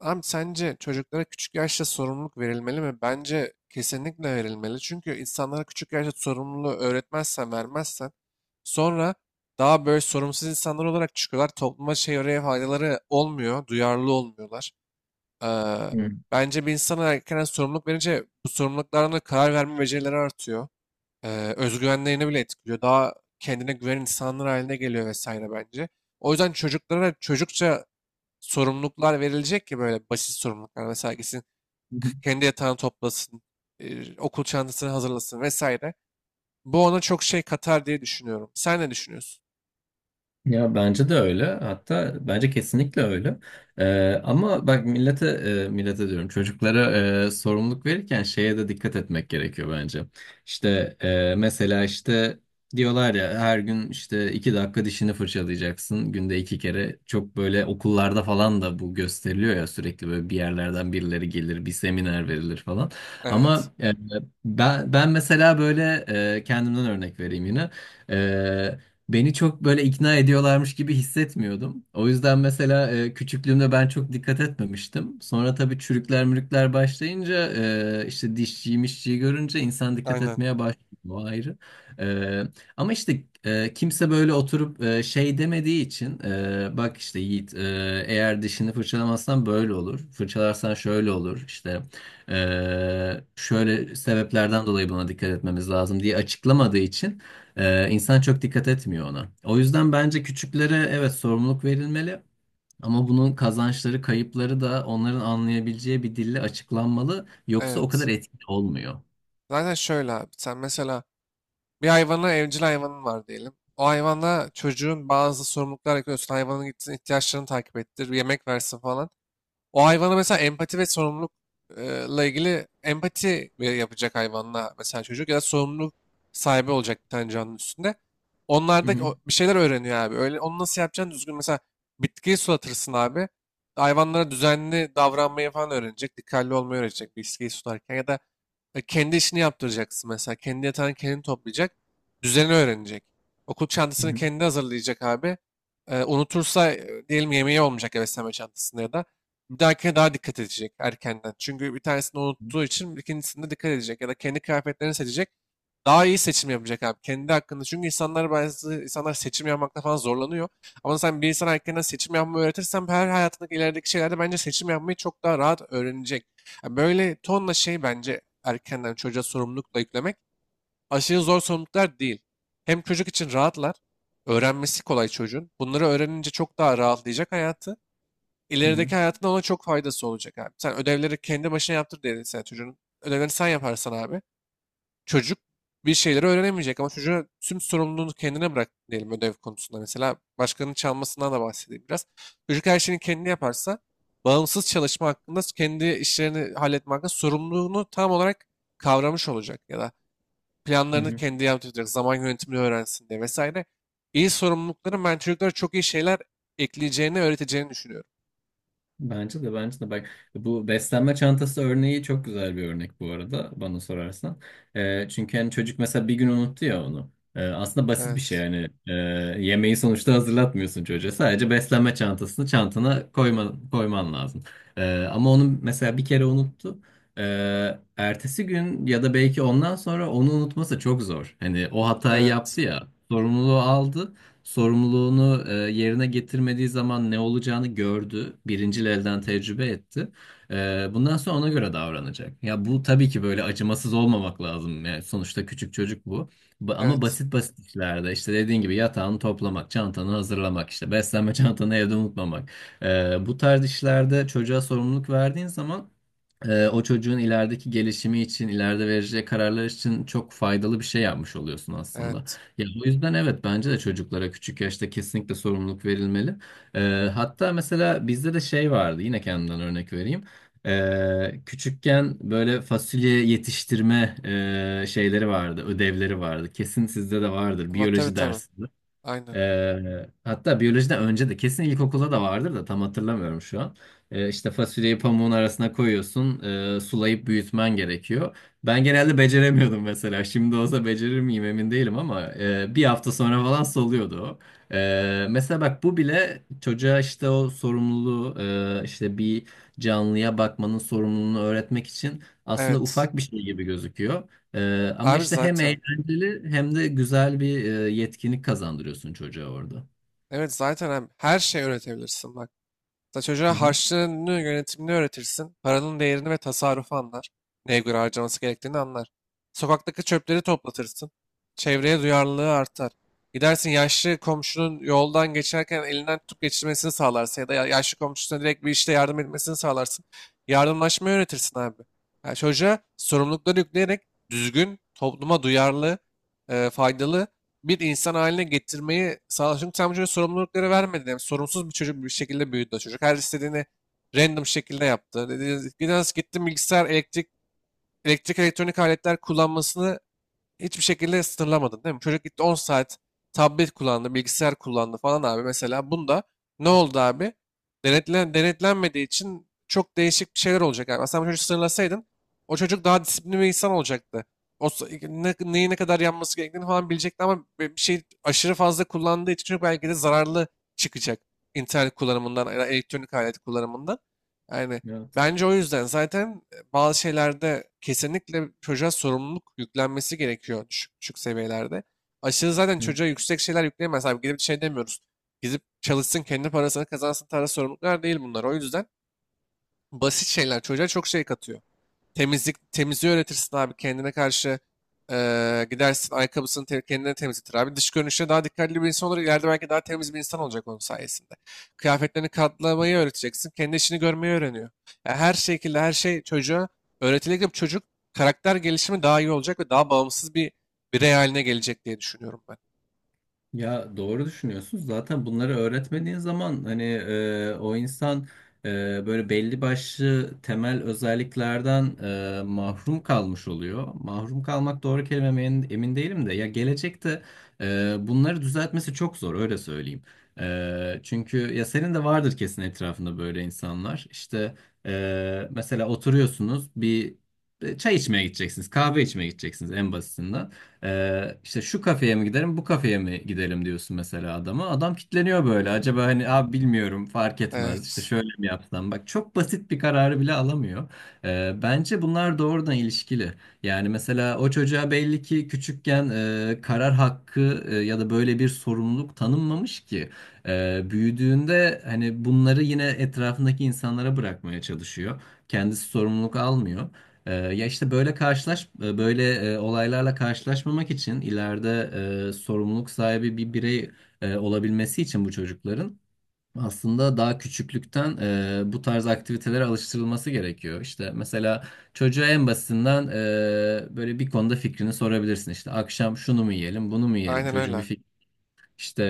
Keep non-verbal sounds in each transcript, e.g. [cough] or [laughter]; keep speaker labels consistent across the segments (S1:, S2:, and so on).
S1: Abi sence çocuklara küçük yaşta sorumluluk verilmeli mi? Bence kesinlikle verilmeli. Çünkü insanlara küçük yaşta sorumluluğu öğretmezsen, vermezsen sonra daha böyle sorumsuz insanlar olarak çıkıyorlar. Topluma şey oraya faydaları olmuyor, duyarlı olmuyorlar. Ee,
S2: Hı.
S1: Bence bir insana erken sorumluluk verince bu sorumluluklarına karar verme becerileri artıyor. Özgüvenlerini bile etkiliyor. Daha kendine güven insanlar haline geliyor vesaire bence. O yüzden çocuklara çocukça sorumluluklar verilecek ki böyle basit sorumluluklar. Mesela gitsin
S2: Hı hı.
S1: kendi yatağını toplasın, okul çantasını hazırlasın vesaire. Bu ona çok şey katar diye düşünüyorum. Sen ne düşünüyorsun?
S2: Ya bence de öyle. Hatta bence kesinlikle öyle. Ama bak millete millete diyorum çocuklara sorumluluk verirken şeye de dikkat etmek gerekiyor bence. İşte mesela işte diyorlar ya her gün işte 2 dakika dişini fırçalayacaksın günde 2 kere. Çok böyle okullarda falan da bu gösteriliyor ya sürekli böyle bir yerlerden birileri gelir bir seminer verilir falan.
S1: Evet.
S2: Ama ben mesela böyle kendimden örnek vereyim yine. Ee, Beni çok böyle ikna ediyorlarmış gibi hissetmiyordum. O yüzden mesela küçüklüğümde ben çok dikkat etmemiştim. Sonra tabii çürükler mürükler başlayınca işte dişçiyi mişçiyi görünce insan dikkat
S1: Aynen.
S2: etmeye başlıyor. O ayrı. E, Ama işte kimse böyle oturup şey demediği için bak işte Yiğit, eğer dişini fırçalamazsan böyle olur. Fırçalarsan şöyle olur. İşte şöyle sebeplerden dolayı buna dikkat etmemiz lazım diye açıklamadığı için insan çok dikkat etmiyor ona. O yüzden bence küçüklere evet sorumluluk verilmeli ama bunun kazançları, kayıpları da onların anlayabileceği bir dille açıklanmalı. Yoksa o kadar
S1: Evet.
S2: etkili olmuyor.
S1: Zaten şöyle abi. Sen mesela bir hayvana evcil hayvanın var diyelim. O hayvana çocuğun bazı sorumluluklar yapıyorsun. Hayvanın gitsin ihtiyaçlarını takip ettir, yemek versin falan. O hayvana mesela empati ve sorumlulukla ilgili empati yapacak hayvanla mesela çocuk ya da sorumluluk sahibi olacak bir tane canlı üstünde.
S2: Hı
S1: Onlarda
S2: hı,
S1: bir şeyler öğreniyor abi. Öyle onu nasıl yapacaksın düzgün mesela bitkiyi sulatırsın abi. Hayvanlara düzenli davranmayı falan öğrenecek. Dikkatli olmayı öğrenecek bitkiyi sularken ya da kendi işini yaptıracaksın mesela. Kendi yatağını kendi toplayacak. Düzeni öğrenecek. Okul
S2: hı
S1: çantasını
S2: hı,
S1: kendi hazırlayacak abi. Unutursa diyelim yemeği olmayacak ya beslenme çantasında ya da. Bir dahakine daha dikkat edecek erkenden. Çünkü bir tanesini
S2: hı
S1: unuttuğu için ikincisinde dikkat edecek. Ya da kendi kıyafetlerini seçecek. Daha iyi seçim yapacak abi. Kendi hakkında. Çünkü insanlar bazı insanlar seçim yapmakta falan zorlanıyor. Ama sen bir insana erkenden seçim yapmayı öğretirsen her hayatındaki ilerideki şeylerde bence seçim yapmayı çok daha rahat öğrenecek. Ya böyle tonla şey bence erkenden çocuğa sorumlulukla yüklemek aşırı zor sorumluluklar değil. Hem çocuk için rahatlar. Öğrenmesi kolay çocuğun. Bunları öğrenince çok daha rahatlayacak hayatı.
S2: hı,
S1: İlerideki hayatında ona çok faydası olacak abi. Sen ödevleri kendi başına yaptır diye sen çocuğun. Ödevlerini sen yaparsan abi. Çocuk bir şeyleri öğrenemeyecek ama çocuğa tüm sorumluluğunu kendine bırak diyelim ödev konusunda mesela. Başkanın çalmasından da bahsedeyim biraz. Çocuk her şeyini kendi yaparsa bağımsız çalışma hakkında kendi işlerini halletme hakkında sorumluluğunu tam olarak kavramış olacak ya da
S2: hı
S1: planlarını
S2: hı.
S1: kendi yaptıracak zaman yönetimini öğrensin diye vesaire. İyi sorumlulukların ben çocuklara çok iyi şeyler ekleyeceğini öğreteceğini düşünüyorum.
S2: Bence de bak, bu beslenme çantası örneği çok güzel bir örnek bu arada bana sorarsan. Çünkü hani çocuk mesela bir gün unuttu ya onu. Aslında basit bir şey
S1: Evet,
S2: yani. Yemeği sonuçta hazırlatmıyorsun çocuğa, sadece beslenme çantasını çantana koyman lazım. Ama onu mesela bir kere unuttu. Ertesi gün ya da belki ondan sonra onu unutması çok zor. Hani o hatayı
S1: evet.
S2: yaptı ya, sorumluluğu aldı, sorumluluğunu yerine getirmediği zaman ne olacağını gördü. Birincil elden tecrübe etti. Bundan sonra ona göre davranacak. Ya bu tabii ki böyle acımasız olmamak lazım. Yani sonuçta küçük çocuk bu. Ama
S1: Evet.
S2: basit basit işlerde işte dediğin gibi yatağını toplamak, çantanı hazırlamak, işte beslenme [laughs] çantanı evde unutmamak. Bu tarz işlerde çocuğa sorumluluk verdiğin zaman o çocuğun ilerideki gelişimi için, ileride vereceği kararlar için çok faydalı bir şey yapmış oluyorsun aslında.
S1: Evet.
S2: Ya o yüzden evet, bence de çocuklara küçük yaşta kesinlikle sorumluluk verilmeli. E, Hatta mesela bizde de şey vardı, yine kendimden örnek vereyim. Küçükken böyle fasulye yetiştirme şeyleri vardı, ödevleri vardı. Kesin sizde de vardır,
S1: Ama tabii
S2: biyoloji
S1: tabii.
S2: dersi.
S1: Aynen.
S2: Hatta biyolojiden önce de kesin ilkokulda da vardır da tam hatırlamıyorum şu an. İşte fasulyeyi pamuğun arasına koyuyorsun, sulayıp büyütmen gerekiyor. Ben genelde beceremiyordum mesela. Şimdi olsa becerir miyim emin değilim ama 1 hafta sonra falan soluyordu o. Mesela bak, bu bile çocuğa işte o sorumluluğu, işte bir canlıya bakmanın sorumluluğunu öğretmek için aslında
S1: Evet.
S2: ufak bir şey gibi gözüküyor. Ama
S1: Abi
S2: işte hem
S1: zaten.
S2: eğlenceli hem de güzel bir yetkinlik kazandırıyorsun çocuğa orada.
S1: Evet zaten abi her şey üretebilirsin bak. Mesela çocuğa
S2: Hı hı.
S1: harçlığını yönetimini öğretirsin. Paranın değerini ve tasarrufu anlar. Neye göre harcaması gerektiğini anlar. Sokaktaki çöpleri toplatırsın. Çevreye duyarlılığı artar. Gidersin yaşlı komşunun yoldan geçerken elinden tutup geçirmesini sağlarsın ya da yaşlı komşusuna direkt bir işte yardım etmesini sağlarsın. Yardımlaşmayı öğretirsin abi. Yani çocuğa sorumlulukları yükleyerek düzgün, topluma duyarlı, faydalı bir insan haline getirmeyi sağladı. Çünkü tam bu çocuğa sorumlulukları vermedin. Yani sorumsuz bir çocuk bir şekilde büyüdü o çocuk. Her istediğini random şekilde yaptı. Dedi, biraz gittim bilgisayar, elektrik, elektrik elektronik aletler kullanmasını hiçbir şekilde sınırlamadın değil mi? Çocuk gitti 10 saat tablet kullandı, bilgisayar kullandı falan abi. Mesela bunda ne oldu abi? Denetlenmediği için çok değişik bir şeyler olacak abi. Aslında bu çocuğu sınırlasaydın o çocuk daha disiplinli bir insan olacaktı. Neyi ne kadar yanması gerektiğini falan bilecekti ama bir şey aşırı fazla kullandığı için çocuk belki de zararlı çıkacak. İnternet kullanımından, ya da elektronik alet kullanımından. Yani
S2: Evet.
S1: bence o yüzden zaten bazı şeylerde kesinlikle çocuğa sorumluluk yüklenmesi gerekiyor düşük seviyelerde. Aşırı zaten
S2: Hı.
S1: çocuğa yüksek şeyler yükleyemez abi. Gidip şey demiyoruz. Gidip çalışsın kendi parasını kazansın tarz sorumluluklar değil bunlar. O yüzden basit şeyler çocuğa çok şey katıyor. Temizliği öğretirsin abi. Kendine karşı gidersin. Ayakkabısını kendine temizletir abi. Dış görünüşe daha dikkatli bir insan olarak ileride belki daha temiz bir insan olacak onun sayesinde. Kıyafetlerini katlamayı öğreteceksin. Kendi işini görmeyi öğreniyor. Yani her şekilde her şey çocuğa öğretilecek bir çocuk karakter gelişimi daha iyi olacak ve daha bağımsız bir birey haline gelecek diye düşünüyorum ben.
S2: Ya doğru düşünüyorsunuz. Zaten bunları öğretmediğin zaman hani o insan böyle belli başlı temel özelliklerden mahrum kalmış oluyor. Mahrum kalmak doğru kelime mi emin değilim de, ya gelecekte bunları düzeltmesi çok zor, öyle söyleyeyim. Çünkü ya senin de vardır kesin etrafında böyle insanlar. İşte mesela oturuyorsunuz, bir çay içmeye gideceksiniz, kahve içmeye gideceksiniz en basitinden. İşte şu kafeye mi gidelim, bu kafeye mi gidelim diyorsun mesela adama. Adam kitleniyor böyle. Acaba, hani abi bilmiyorum, fark etmez. İşte
S1: Evet.
S2: şöyle mi yapsam? Bak, çok basit bir kararı bile alamıyor. Bence bunlar doğrudan ilişkili. Yani mesela o çocuğa belli ki küçükken karar hakkı ya da böyle bir sorumluluk tanınmamış ki. Büyüdüğünde hani bunları yine etrafındaki insanlara bırakmaya çalışıyor. Kendisi sorumluluk almıyor. Ya işte böyle böyle olaylarla karşılaşmamak için ileride sorumluluk sahibi bir birey olabilmesi için bu çocukların aslında daha küçüklükten bu tarz aktivitelere alıştırılması gerekiyor. İşte mesela çocuğa en basitinden böyle bir konuda fikrini sorabilirsin. İşte akşam şunu mu yiyelim, bunu mu yiyelim?
S1: Aynen
S2: Çocuğun bir
S1: öyle.
S2: işte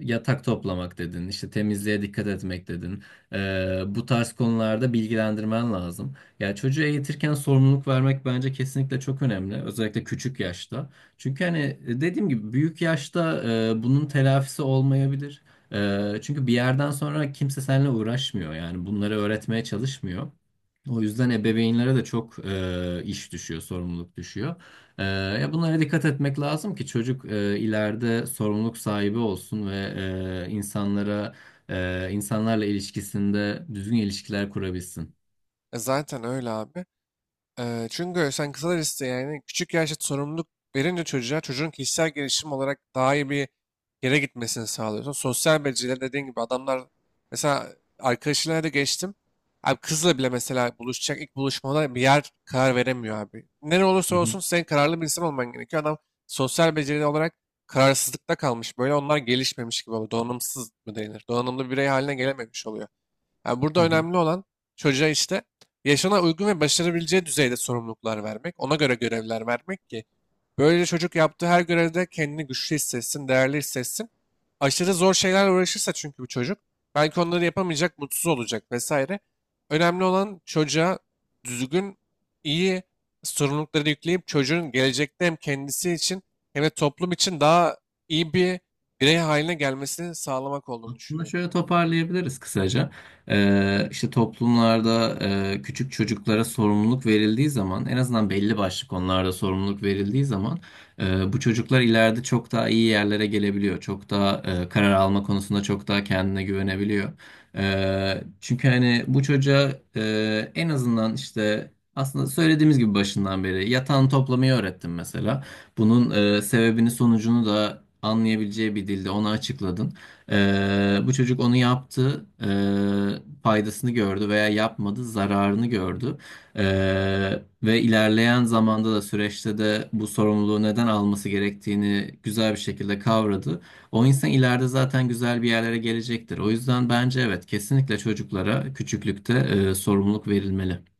S2: yatak toplamak dedin, işte temizliğe dikkat etmek dedin. Bu tarz konularda bilgilendirmen lazım. Yani çocuğu eğitirken sorumluluk vermek bence kesinlikle çok önemli. Özellikle küçük yaşta. Çünkü hani dediğim gibi büyük yaşta bunun telafisi olmayabilir. Çünkü bir yerden sonra kimse seninle uğraşmıyor. Yani bunları öğretmeye çalışmıyor. O yüzden ebeveynlere de çok iş düşüyor, sorumluluk düşüyor. Ee, Ya bunlara dikkat etmek lazım ki çocuk ileride sorumluluk sahibi olsun ve e, insanlara insanlarla ilişkisinde düzgün ilişkiler kurabilsin.
S1: E zaten öyle abi. Çünkü sen kısa liste yani küçük yaşta sorumluluk verince çocuğa çocuğun kişisel gelişim olarak daha iyi bir yere gitmesini sağlıyorsun. Sosyal beceriler dediğin gibi adamlar mesela arkadaşlarına da geçtim. Abi kızla bile mesela buluşacak ilk buluşmada bir yer karar veremiyor abi. Ne
S2: Hı
S1: olursa
S2: hı.
S1: olsun sen kararlı bir insan olman gerekiyor. Adam sosyal beceri olarak kararsızlıkta kalmış. Böyle onlar gelişmemiş gibi oluyor. Donanımsız mı denir? Donanımlı birey haline gelememiş oluyor. Yani burada
S2: Hı hı.
S1: önemli olan çocuğa işte yaşına uygun ve başarabileceği düzeyde sorumluluklar vermek, ona göre görevler vermek ki böylece çocuk yaptığı her görevde kendini güçlü hissetsin, değerli hissetsin. Aşırı zor şeylerle uğraşırsa çünkü bu çocuk belki onları yapamayacak, mutsuz olacak vesaire. Önemli olan çocuğa düzgün, iyi sorumlulukları yükleyip çocuğun gelecekte hem kendisi için hem de toplum için daha iyi bir birey haline gelmesini sağlamak olduğunu
S2: Aslında
S1: düşünüyorum
S2: şöyle
S1: ben.
S2: toparlayabiliriz kısaca. İşte toplumlarda küçük çocuklara sorumluluk verildiği zaman, en azından belli başlı konularda sorumluluk verildiği zaman, bu çocuklar ileride çok daha iyi yerlere gelebiliyor. Çok daha karar alma konusunda çok daha kendine güvenebiliyor. Çünkü hani bu çocuğa en azından işte, aslında söylediğimiz gibi başından beri yatağını toplamayı öğrettim mesela. Bunun sebebini sonucunu da anlayabileceği bir dilde ona açıkladın. Bu çocuk onu yaptı, faydasını gördü veya yapmadı, zararını gördü. Ve ilerleyen zamanda da, süreçte de bu sorumluluğu neden alması gerektiğini güzel bir şekilde kavradı. O insan ileride zaten güzel bir yerlere gelecektir. O yüzden bence evet, kesinlikle çocuklara küçüklükte sorumluluk verilmeli.